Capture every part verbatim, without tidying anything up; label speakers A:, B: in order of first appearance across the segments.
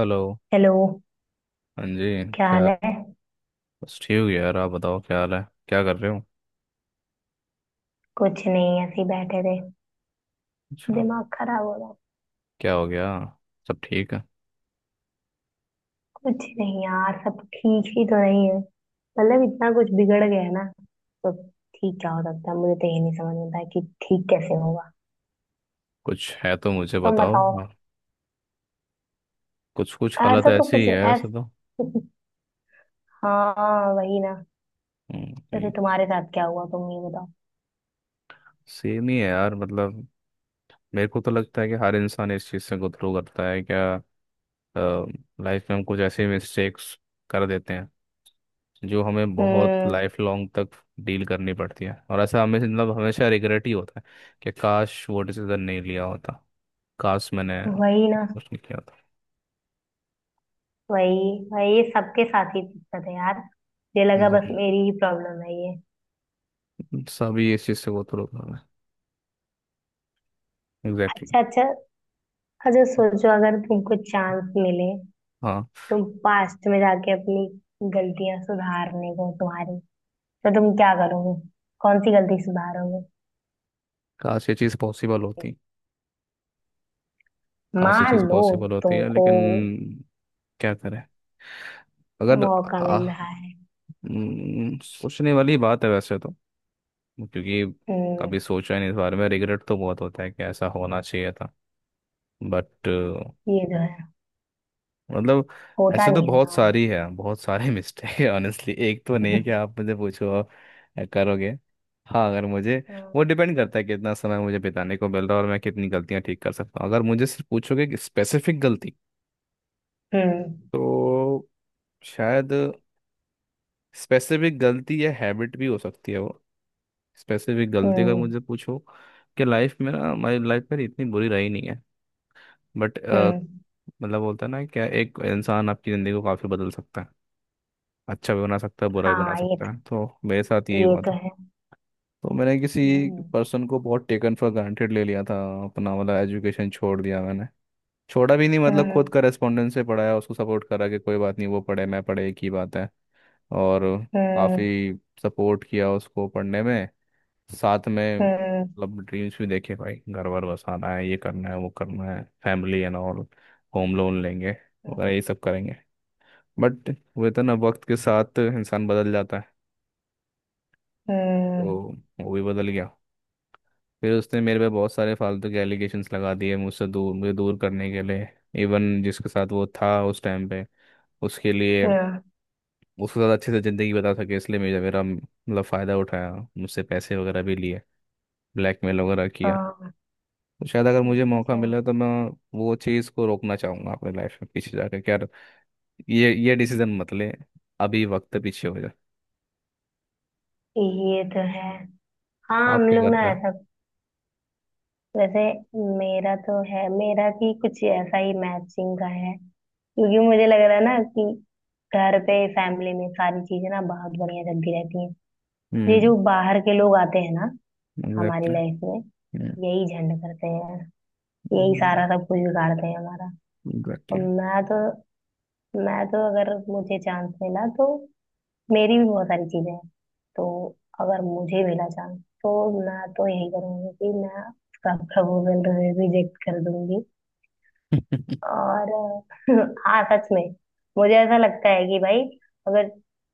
A: Hello.
B: Hello.
A: हाँ जी,
B: क्या हाल
A: क्या?
B: है?
A: बस ठीक हो यार, आप बताओ क्या हाल है, क्या कर रहे हो?
B: कुछ नहीं, ऐसे ही बैठे थे।
A: अच्छा।
B: दिमाग खराब हो रहा है।
A: क्या हो गया? सब ठीक है?
B: कुछ नहीं यार, सब ठीक ही तो नहीं है, मतलब इतना कुछ बिगड़ गया है ना, तो ठीक क्या हो सकता है? मुझे तो ये नहीं समझ में आता है कि ठीक कैसे होगा।
A: कुछ है तो मुझे
B: तुम
A: बताओ,
B: बताओ।
A: हाँ। कुछ कुछ हालत
B: ऐसा तो
A: ऐसी ही
B: कुछ
A: है
B: ऐसा।
A: ऐसे तो।
B: हाँ वही ना।
A: हम्म।
B: जैसे तुम्हारे साथ क्या हुआ, तुम ये बताओ।
A: सेम ही है यार, मतलब मेरे को तो लगता है कि हर इंसान इस चीज़ से गुथरू करता है क्या। लाइफ में हम कुछ ऐसे मिस्टेक्स कर देते हैं जो हमें बहुत
B: हम्म।
A: लाइफ लॉन्ग तक डील करनी पड़ती है, और ऐसा हमें मतलब हमेशा रिग्रेट ही होता है कि काश वो डिसीजन नहीं लिया होता, काश मैंने
B: वही ना।
A: उसने किया था।
B: वही। वही सबके साथ ही दिक्कत है यार, मुझे लगा बस
A: एग्जैक्टली।
B: मेरी ही प्रॉब्लम है ये।
A: सभी इस चीज़ से वो तो लोग हैं। एग्जैक्टली।
B: अच्छा अच्छा। अच्छा, सोचो, अगर तुमको चांस मिले,
A: हाँ,
B: तुम पास्ट में जाके अपनी गलतियां सुधारने को तुम्हारी, तो तुम क्या करोगे? कौन सी गलती सुधारोगे?
A: काश ये चीज़ पॉसिबल होती, काश ये
B: मान
A: चीज़
B: लो,
A: पॉसिबल होती है
B: तुमको
A: लेकिन क्या करें? अगर
B: मौका
A: आ,
B: मिल रहा है।
A: हम्म, सोचने वाली बात है वैसे तो, क्योंकि
B: हम्म।
A: कभी सोचा ही नहीं इस बारे में। रिग्रेट तो बहुत होता है कि ऐसा होना चाहिए था, बट
B: ये जो है।
A: मतलब
B: होता
A: ऐसे तो
B: नहीं है
A: बहुत
B: ना।
A: सारी है, बहुत सारे मिस्टेक है ऑनेस्टली, एक तो नहीं है कि आप मुझे पूछो और करोगे। हाँ, अगर मुझे
B: हम्म।
A: वो डिपेंड करता है कितना समय मुझे बिताने को मिल रहा है और मैं कितनी गलतियां ठीक कर सकता हूँ। अगर मुझे सिर्फ पूछोगे कि स्पेसिफिक गलती,
B: हम्म।
A: तो शायद स्पेसिफिक गलती या हैबिट भी हो सकती है वो। स्पेसिफिक गलती अगर
B: हम्म।
A: मुझे पूछो कि लाइफ में ना, मेरी लाइफ मेरी इतनी बुरी रही नहीं है, बट
B: हम्म।
A: मतलब बोलता है ना क्या एक इंसान आपकी ज़िंदगी को काफ़ी बदल सकता है। अच्छा भी बना सकता है बुरा भी बना
B: हाँ ये
A: सकता
B: तो।
A: है, तो मेरे साथ यही
B: ये
A: हुआ
B: तो
A: था।
B: है।
A: तो मैंने किसी
B: हम्म।
A: पर्सन को बहुत टेकन फॉर ग्रांटेड ले लिया था, अपना वाला एजुकेशन छोड़ दिया मैंने, छोड़ा भी नहीं मतलब खुद
B: हम्म।
A: करस्पॉन्डेंस से पढ़ाया उसको, सपोर्ट करा कि कोई बात नहीं वो पढ़े मैं पढ़े एक ही बात है। और
B: हम्म।
A: काफ़ी सपोर्ट किया उसको पढ़ने में, साथ में
B: हम्म।
A: मतलब ड्रीम्स भी देखे भाई, घर वर बसाना है, ये करना है वो करना है, family and all, home loan लेंगे वगैरह ये सब करेंगे, बट वो तो ना वक्त के साथ इंसान बदल जाता है। तो
B: हम्म।
A: वो भी बदल गया। फिर उसने मेरे पे बहुत सारे फालतू के एलिगेशंस लगा दिए मुझसे दूर, मुझे दूर करने के लिए, इवन जिसके साथ वो था उस टाइम पे, उसके लिए,
B: हम्म।
A: उसके साथ अच्छे से ज़िंदगी बता सके इसलिए मेरा मेरा मतलब फ़ायदा उठाया। मुझसे पैसे वगैरह भी लिए, ब्लैकमेल वगैरह
B: हाँ।
A: किया।
B: हाँ।
A: तो शायद अगर मुझे मौका
B: अच्छा,
A: मिला तो मैं वो चीज़ को रोकना चाहूँगा, अपने लाइफ में पीछे जाकर कि यार ये ये डिसीजन मत ले, अभी वक्त पीछे हो जाए।
B: ये तो है। हाँ,
A: आप
B: हम
A: क्या
B: लोग ना
A: करते हैं?
B: ऐसा। वैसे मेरा तो है, मेरा भी कुछ ऐसा ही मैचिंग का है, क्योंकि मुझे लग रहा है ना कि घर पे फैमिली में सारी चीजें ना बहुत बढ़िया चलती रहती हैं। ये जो
A: हम्म।
B: बाहर के लोग आते हैं ना हमारी
A: एग्जैक्टली।
B: लाइफ में, यही झंड करते हैं, यही सारा सब कुछ बिगाड़ते हैं हमारा। और
A: एग्जैक्टली।
B: मैं तो मैं तो अगर मुझे चांस मिला तो, मेरी भी बहुत सारी चीजें हैं, तो अगर मुझे मिला चांस तो मैं तो यही करूंगी कि मैं उसका प्रपोजल रिजेक्ट कर दूंगी। और हाँ, सच में मुझे ऐसा लगता है कि भाई, अगर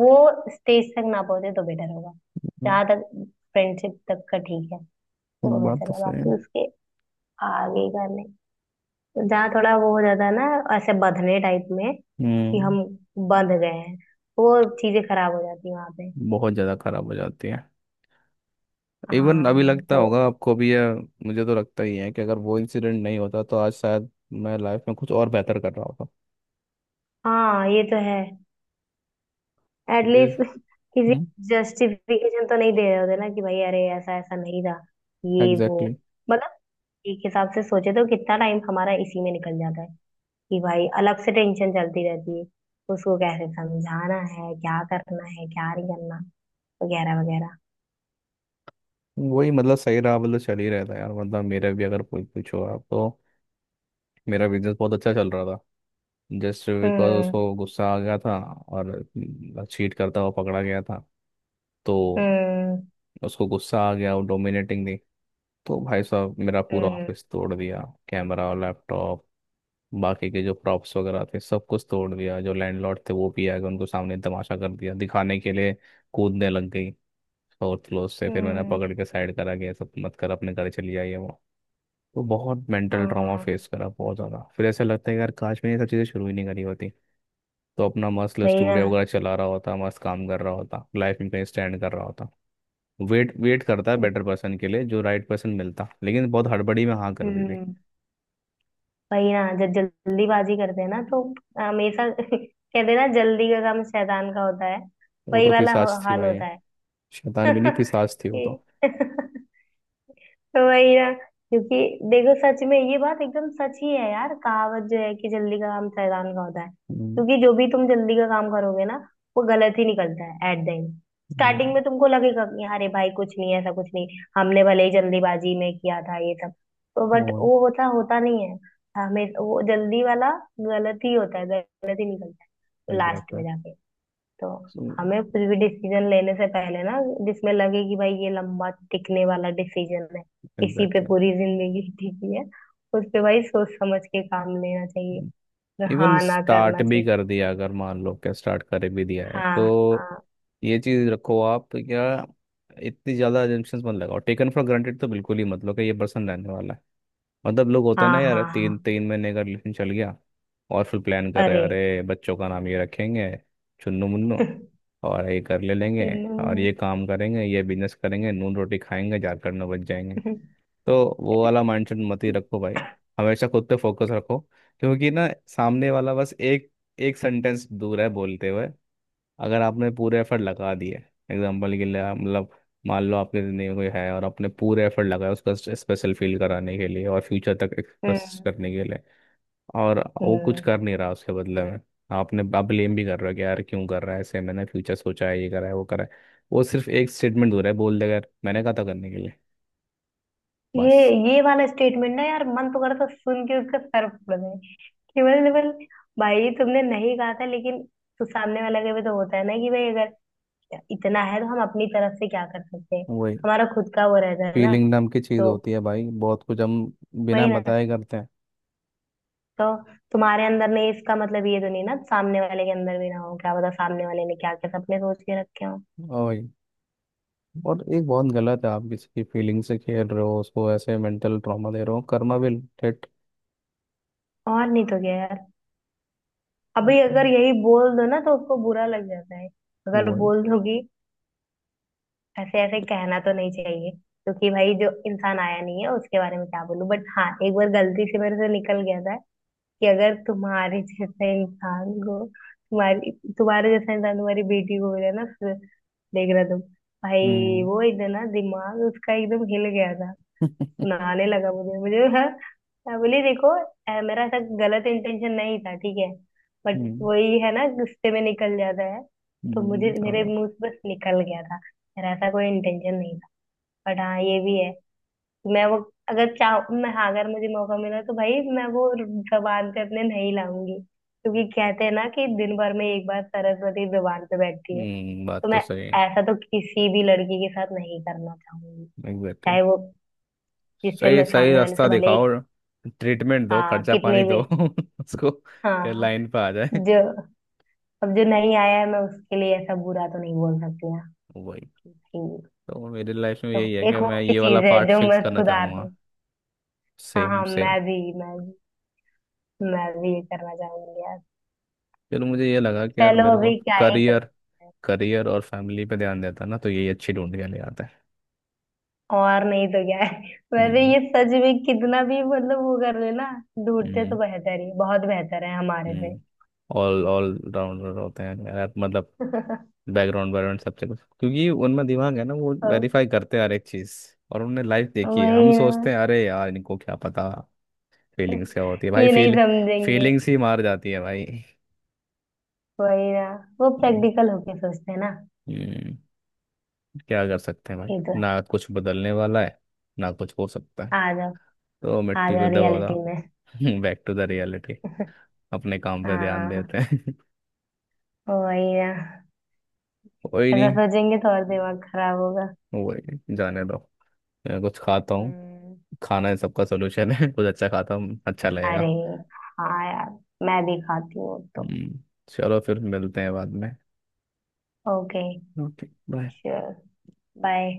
B: वो स्टेज तक ना पहुंचे तो बेटर होगा। जहां तक फ्रेंडशिप तक का ठीक है, वो
A: बात
B: बेहतर
A: तो
B: है,
A: सही है।
B: बाकी उसके आगे का नहीं। जहाँ थोड़ा वो हो जाता है ना, ऐसे बंधने टाइप में, कि
A: हम्म।
B: हम बंध गए हैं, वो चीजें खराब हो जाती हैं वहां पे।
A: बहुत ज़्यादा खराब हो जाती है। इवन अभी
B: हाँ
A: लगता
B: तो।
A: होगा आपको भी? या मुझे तो लगता ही है कि अगर वो इंसिडेंट नहीं होता तो आज शायद मैं लाइफ में कुछ और बेहतर कर रहा होता।
B: हाँ ये तो है।
A: ये
B: एटलीस्ट किसी
A: हम्म।
B: जस्टिफिकेशन तो नहीं दे रहे होते ना कि भाई, अरे ऐसा ऐसा नहीं था, ये वो,
A: एग्जैक्टली exactly।
B: मतलब एक हिसाब से सोचे तो कितना टाइम हमारा इसी में निकल जाता है कि भाई अलग से टेंशन चलती रहती है, उसको कैसे समझाना है, क्या करना है, क्या नहीं करना, वगैरह वगैरह।
A: वही मतलब सही रहा, मतलब चल ही रहता है यार मतलब। मेरा भी अगर पूछ पूछो आप तो, मेरा बिजनेस बहुत अच्छा चल रहा था। जस्ट बिकॉज
B: हम्म।
A: उसको गुस्सा आ गया था और चीट करता हुआ पकड़ा गया था, तो
B: हम्म।
A: उसको गुस्सा आ गया वो डोमिनेटिंग थी, तो भाई साहब मेरा पूरा
B: हम्म।
A: ऑफिस तोड़ दिया, कैमरा, लैपटॉप, बाकी के जो प्रॉप्स वगैरह थे सब कुछ तोड़ दिया। जो लैंडलॉर्ड थे वो भी आ गए, उनको सामने तमाशा कर दिया दिखाने के लिए। कूदने लग गई फोर्थ फ्लोर से, फिर मैंने
B: हम्म।
A: पकड़ के साइड करा, गया सब, मत कर, अपने घर चली आई है वो। तो बहुत मेंटल ट्रॉमा
B: हाँ
A: फेस करा, बहुत ज़्यादा। फिर ऐसा लगता है यार काश मैंने ये सब चीज़ें शुरू ही नहीं करी होती, तो अपना मस्त
B: वही ना।
A: स्टूडियो वगैरह चला रहा होता, मस्त काम कर रहा होता, लाइफ में कहीं स्टैंड कर रहा होता, वेट वेट करता है बेटर पर्सन के लिए, जो राइट पर्सन मिलता, लेकिन बहुत हड़बड़ी में हाँ कर दी थी।
B: हम्म। वही ना, जब जल्दीबाजी करते हैं ना तो हमेशा कहते हैं ना, जल्दी का काम शैतान का होता है।
A: वो
B: वही
A: तो
B: वाला हो-
A: पिशाच थी
B: हाल
A: भाई,
B: होता है।
A: शैतान भी नहीं पिशाच थी वो तो।
B: कि- तो वही ना, क्योंकि देखो, सच में ये बात एकदम सच ही है यार, कहावत जो है कि जल्दी का काम शैतान का होता है,
A: हम्म।
B: क्योंकि जो भी तुम जल्दी का काम करोगे ना, वो गलत ही निकलता है एट द एंड।
A: हम्म।
B: स्टार्टिंग में तुमको लगेगा कि अरे भाई कुछ नहीं है, ऐसा कुछ नहीं, हमने भले ही जल्दीबाजी में किया था ये सब, तो बट
A: और
B: वो होता होता नहीं है। हमें वो जल्दी वाला गलत ही होता है, गलत ही निकलता है लास्ट में
A: एग्जैक्टली।
B: जाके। तो हमें कुछ भी डिसीजन लेने से पहले ना, जिसमें लगे कि भाई ये लंबा टिकने वाला डिसीजन है, इसी पे
A: एग्जैक्टली।
B: पूरी जिंदगी टिकी है, उस पे भाई सोच समझ के काम लेना चाहिए।
A: इवन
B: हाँ, ना
A: स्टार्ट
B: करना
A: भी
B: चाहिए।
A: कर दिया अगर, मान लो क्या, स्टार्ट कर भी दिया है
B: हाँ।
A: तो
B: हाँ।
A: ये चीज़ रखो आप क्या, इतनी ज़्यादा assumptions मत लगाओ, टेकन फॉर ग्रांटेड तो बिल्कुल ही मत लो कि ये पर्सन रहने वाला है। मतलब लोग होते हैं ना
B: हाँ।
A: यार,
B: हाँ। हाँ।
A: तीन तीन महीने का रिलेशन चल गया और फिर प्लान कर रहे
B: अरे।
A: हैं, अरे बच्चों का नाम ये रखेंगे, चुन्नू मुन्नू, और ये कर ले लेंगे, और
B: हम्म।
A: ये काम करेंगे, ये बिजनेस करेंगे, नून रोटी खाएंगे झारखंड में बच जाएंगे। तो वो वाला माइंडसेट मत ही रखो भाई, हमेशा खुद पे फोकस रखो, क्योंकि ना सामने वाला बस एक एक सेंटेंस दूर है बोलते हुए। अगर आपने पूरे एफर्ट लगा दिए, एग्जाम्पल के लिए मतलब, मान लो आपके ज़िंदगी में कोई है और आपने पूरे एफर्ट लगाए उसका स्पेशल फील कराने के लिए और फ्यूचर तक एक्सप्रेस करने के लिए, और वो कुछ
B: हम्म।
A: कर नहीं रहा उसके बदले में, आपने आप ब्लेम भी कर रहे हो कि यार क्यों कर रहा है ऐसे, मैंने फ्यूचर सोचा है, ये करा है वो करा है। वो सिर्फ एक स्टेटमेंट हो रहा है, बोल देगा यार मैंने कहा था करने के लिए,
B: ये
A: बस।
B: ये वाला स्टेटमेंट ना यार, मन तो करता है सुन के उसका सर फोड़ दे। केवल केवल भाई तुमने नहीं कहा था, लेकिन तो सामने वाला के भी तो होता है ना कि भाई अगर इतना है तो हम अपनी तरफ से क्या कर सकते हैं?
A: वही।
B: हमारा खुद का वो रहता है ना।
A: फीलिंग नाम की चीज़
B: तो
A: होती है भाई, बहुत कुछ हम बिना
B: वही ना।
A: बताए करते हैं।
B: तो तुम्हारे अंदर नहीं इसका मतलब ये तो नहीं ना सामने वाले के अंदर भी ना हो, क्या पता सामने वाले ने क्या क्या सपने सोच के रखे हो।
A: ओए, और एक बहुत गलत है, आप किसी की फीलिंग से खेल रहे हो, उसको ऐसे मेंटल ट्रॉमा दे रहे हो करना भी, ठेट।
B: और नहीं तो क्या यार, अभी अगर यही बोल दो ना तो उसको बुरा लग जाता है। अगर
A: वो है।
B: बोल दोगी, ऐसे ऐसे कहना तो नहीं चाहिए, क्योंकि भाई जो इंसान आया नहीं है उसके बारे में क्या बोलूं, बट हाँ, एक बार गलती से मेरे से निकल गया था कि अगर तुम्हारे जैसा इंसान को तुम्हारी, तुम्हारे जैसा इंसान तुम्हारी बेटी को मिला ना, फिर देख रहा तुम। भाई
A: हम्म।
B: वो एकदम ना, दिमाग उसका एकदम हिल गया था, सुनाने लगा मुझे मुझे हाँ। मैं बोली देखो, अ, मेरा ऐसा गलत इंटेंशन नहीं था, ठीक है, बट
A: हम्म।
B: वही है ना, गुस्से में निकल जाता है, तो मुझे
A: हम्म।
B: मेरे
A: और-
B: मुंह से बस निकल गया था, मेरा ऐसा कोई इंटेंशन नहीं था, बट हाँ ये भी है। तो मैं वो, अगर चाह मैं, हाँ, अगर मुझे मौका मिला तो भाई मैं वो जबान पे अपने नहीं लाऊंगी, क्योंकि कहते हैं ना कि दिन भर में एक बार सरस्वती जबान पे बैठती है।
A: हम्म, बात
B: तो
A: तो
B: मैं
A: सही है।
B: ऐसा तो किसी भी लड़की के साथ नहीं करना चाहूंगी,
A: एग्जैक्टली।
B: चाहे वो, जिससे
A: सही
B: मैं
A: सही
B: सामने वाले
A: रास्ता
B: से भले
A: दिखाओ
B: ही।
A: और ट्रीटमेंट दो,
B: हाँ
A: खर्चा
B: कितने
A: पानी दो
B: भी।
A: उसको, क्या
B: हाँ।
A: लाइन पे आ जाए।
B: जो। अब जो नहीं आया है मैं उसके लिए ऐसा बुरा तो नहीं बोल सकती ना।
A: वही।
B: ठीक।
A: तो मेरी लाइफ में
B: तो
A: यही है
B: एक
A: कि
B: वो
A: मैं
B: भी
A: ये वाला
B: चीज है
A: पार्ट
B: जो
A: फिक्स
B: मैं
A: करना
B: सुधार
A: चाहूँगा।
B: हूँ। हाँ
A: सेम
B: हाँ,
A: सेम।
B: मैं भी, मैं भी मैं भी ये करना चाहूंगी यार।
A: फिर मुझे ये लगा कि यार
B: चलो,
A: मेरे को
B: अभी क्या ही कर
A: करियर
B: सकते हैं?
A: करियर और फैमिली पे ध्यान देता ना तो यही अच्छी ढूंढ के ले आता है।
B: और नहीं तो क्या है। वैसे
A: हम्म।
B: ये सच में कितना भी, मतलब वो कर ले ना, ढूंढते तो
A: हम्म।
B: बेहतर ही, बहुत बेहतर है हमारे से।
A: हम्म। ऑल ऑल राउंडर होते हैं यार, मतलब बैकग्राउंड बैकग्राउंड सबसे कुछ, क्योंकि उनमें दिमाग है ना, वो
B: अब
A: वेरीफाई करते हैं हर एक चीज़। और उनने लाइफ देखी है, हम
B: वही
A: सोचते
B: ना,
A: हैं अरे यार इनको क्या पता फीलिंग्स क्या होती है भाई,
B: ये नहीं
A: फील,
B: समझेंगे।
A: फीलिंग्स ही मार जाती है भाई।
B: वही ना। वो
A: हम्म।
B: प्रैक्टिकल होके सोचते हैं ना।
A: हम्म। क्या कर सकते हैं भाई,
B: ये तो है।
A: ना कुछ बदलने वाला है ना कुछ हो सकता है।
B: आ जाओ।
A: तो
B: आ
A: मिट्टी पे
B: जाओ
A: दबा,
B: रियलिटी में।
A: Back to the reality. अपने काम पे ध्यान
B: हाँ
A: देते हैं।
B: वही ना।
A: कोई
B: ऐसा
A: नहीं,
B: सोचेंगे तो और दिमाग खराब होगा।
A: वही, जाने दो। मैं कुछ खाता,
B: हम्म।
A: खाना है सबका सोल्यूशन है। कुछ अच्छा खाता हूँ अच्छा
B: अरे,
A: लगेगा।
B: हाँ यार, मैं भी खाती हूँ तो।
A: हम्म। चलो फिर मिलते हैं बाद में।
B: Okay.
A: Okay bye.
B: Sure. Bye.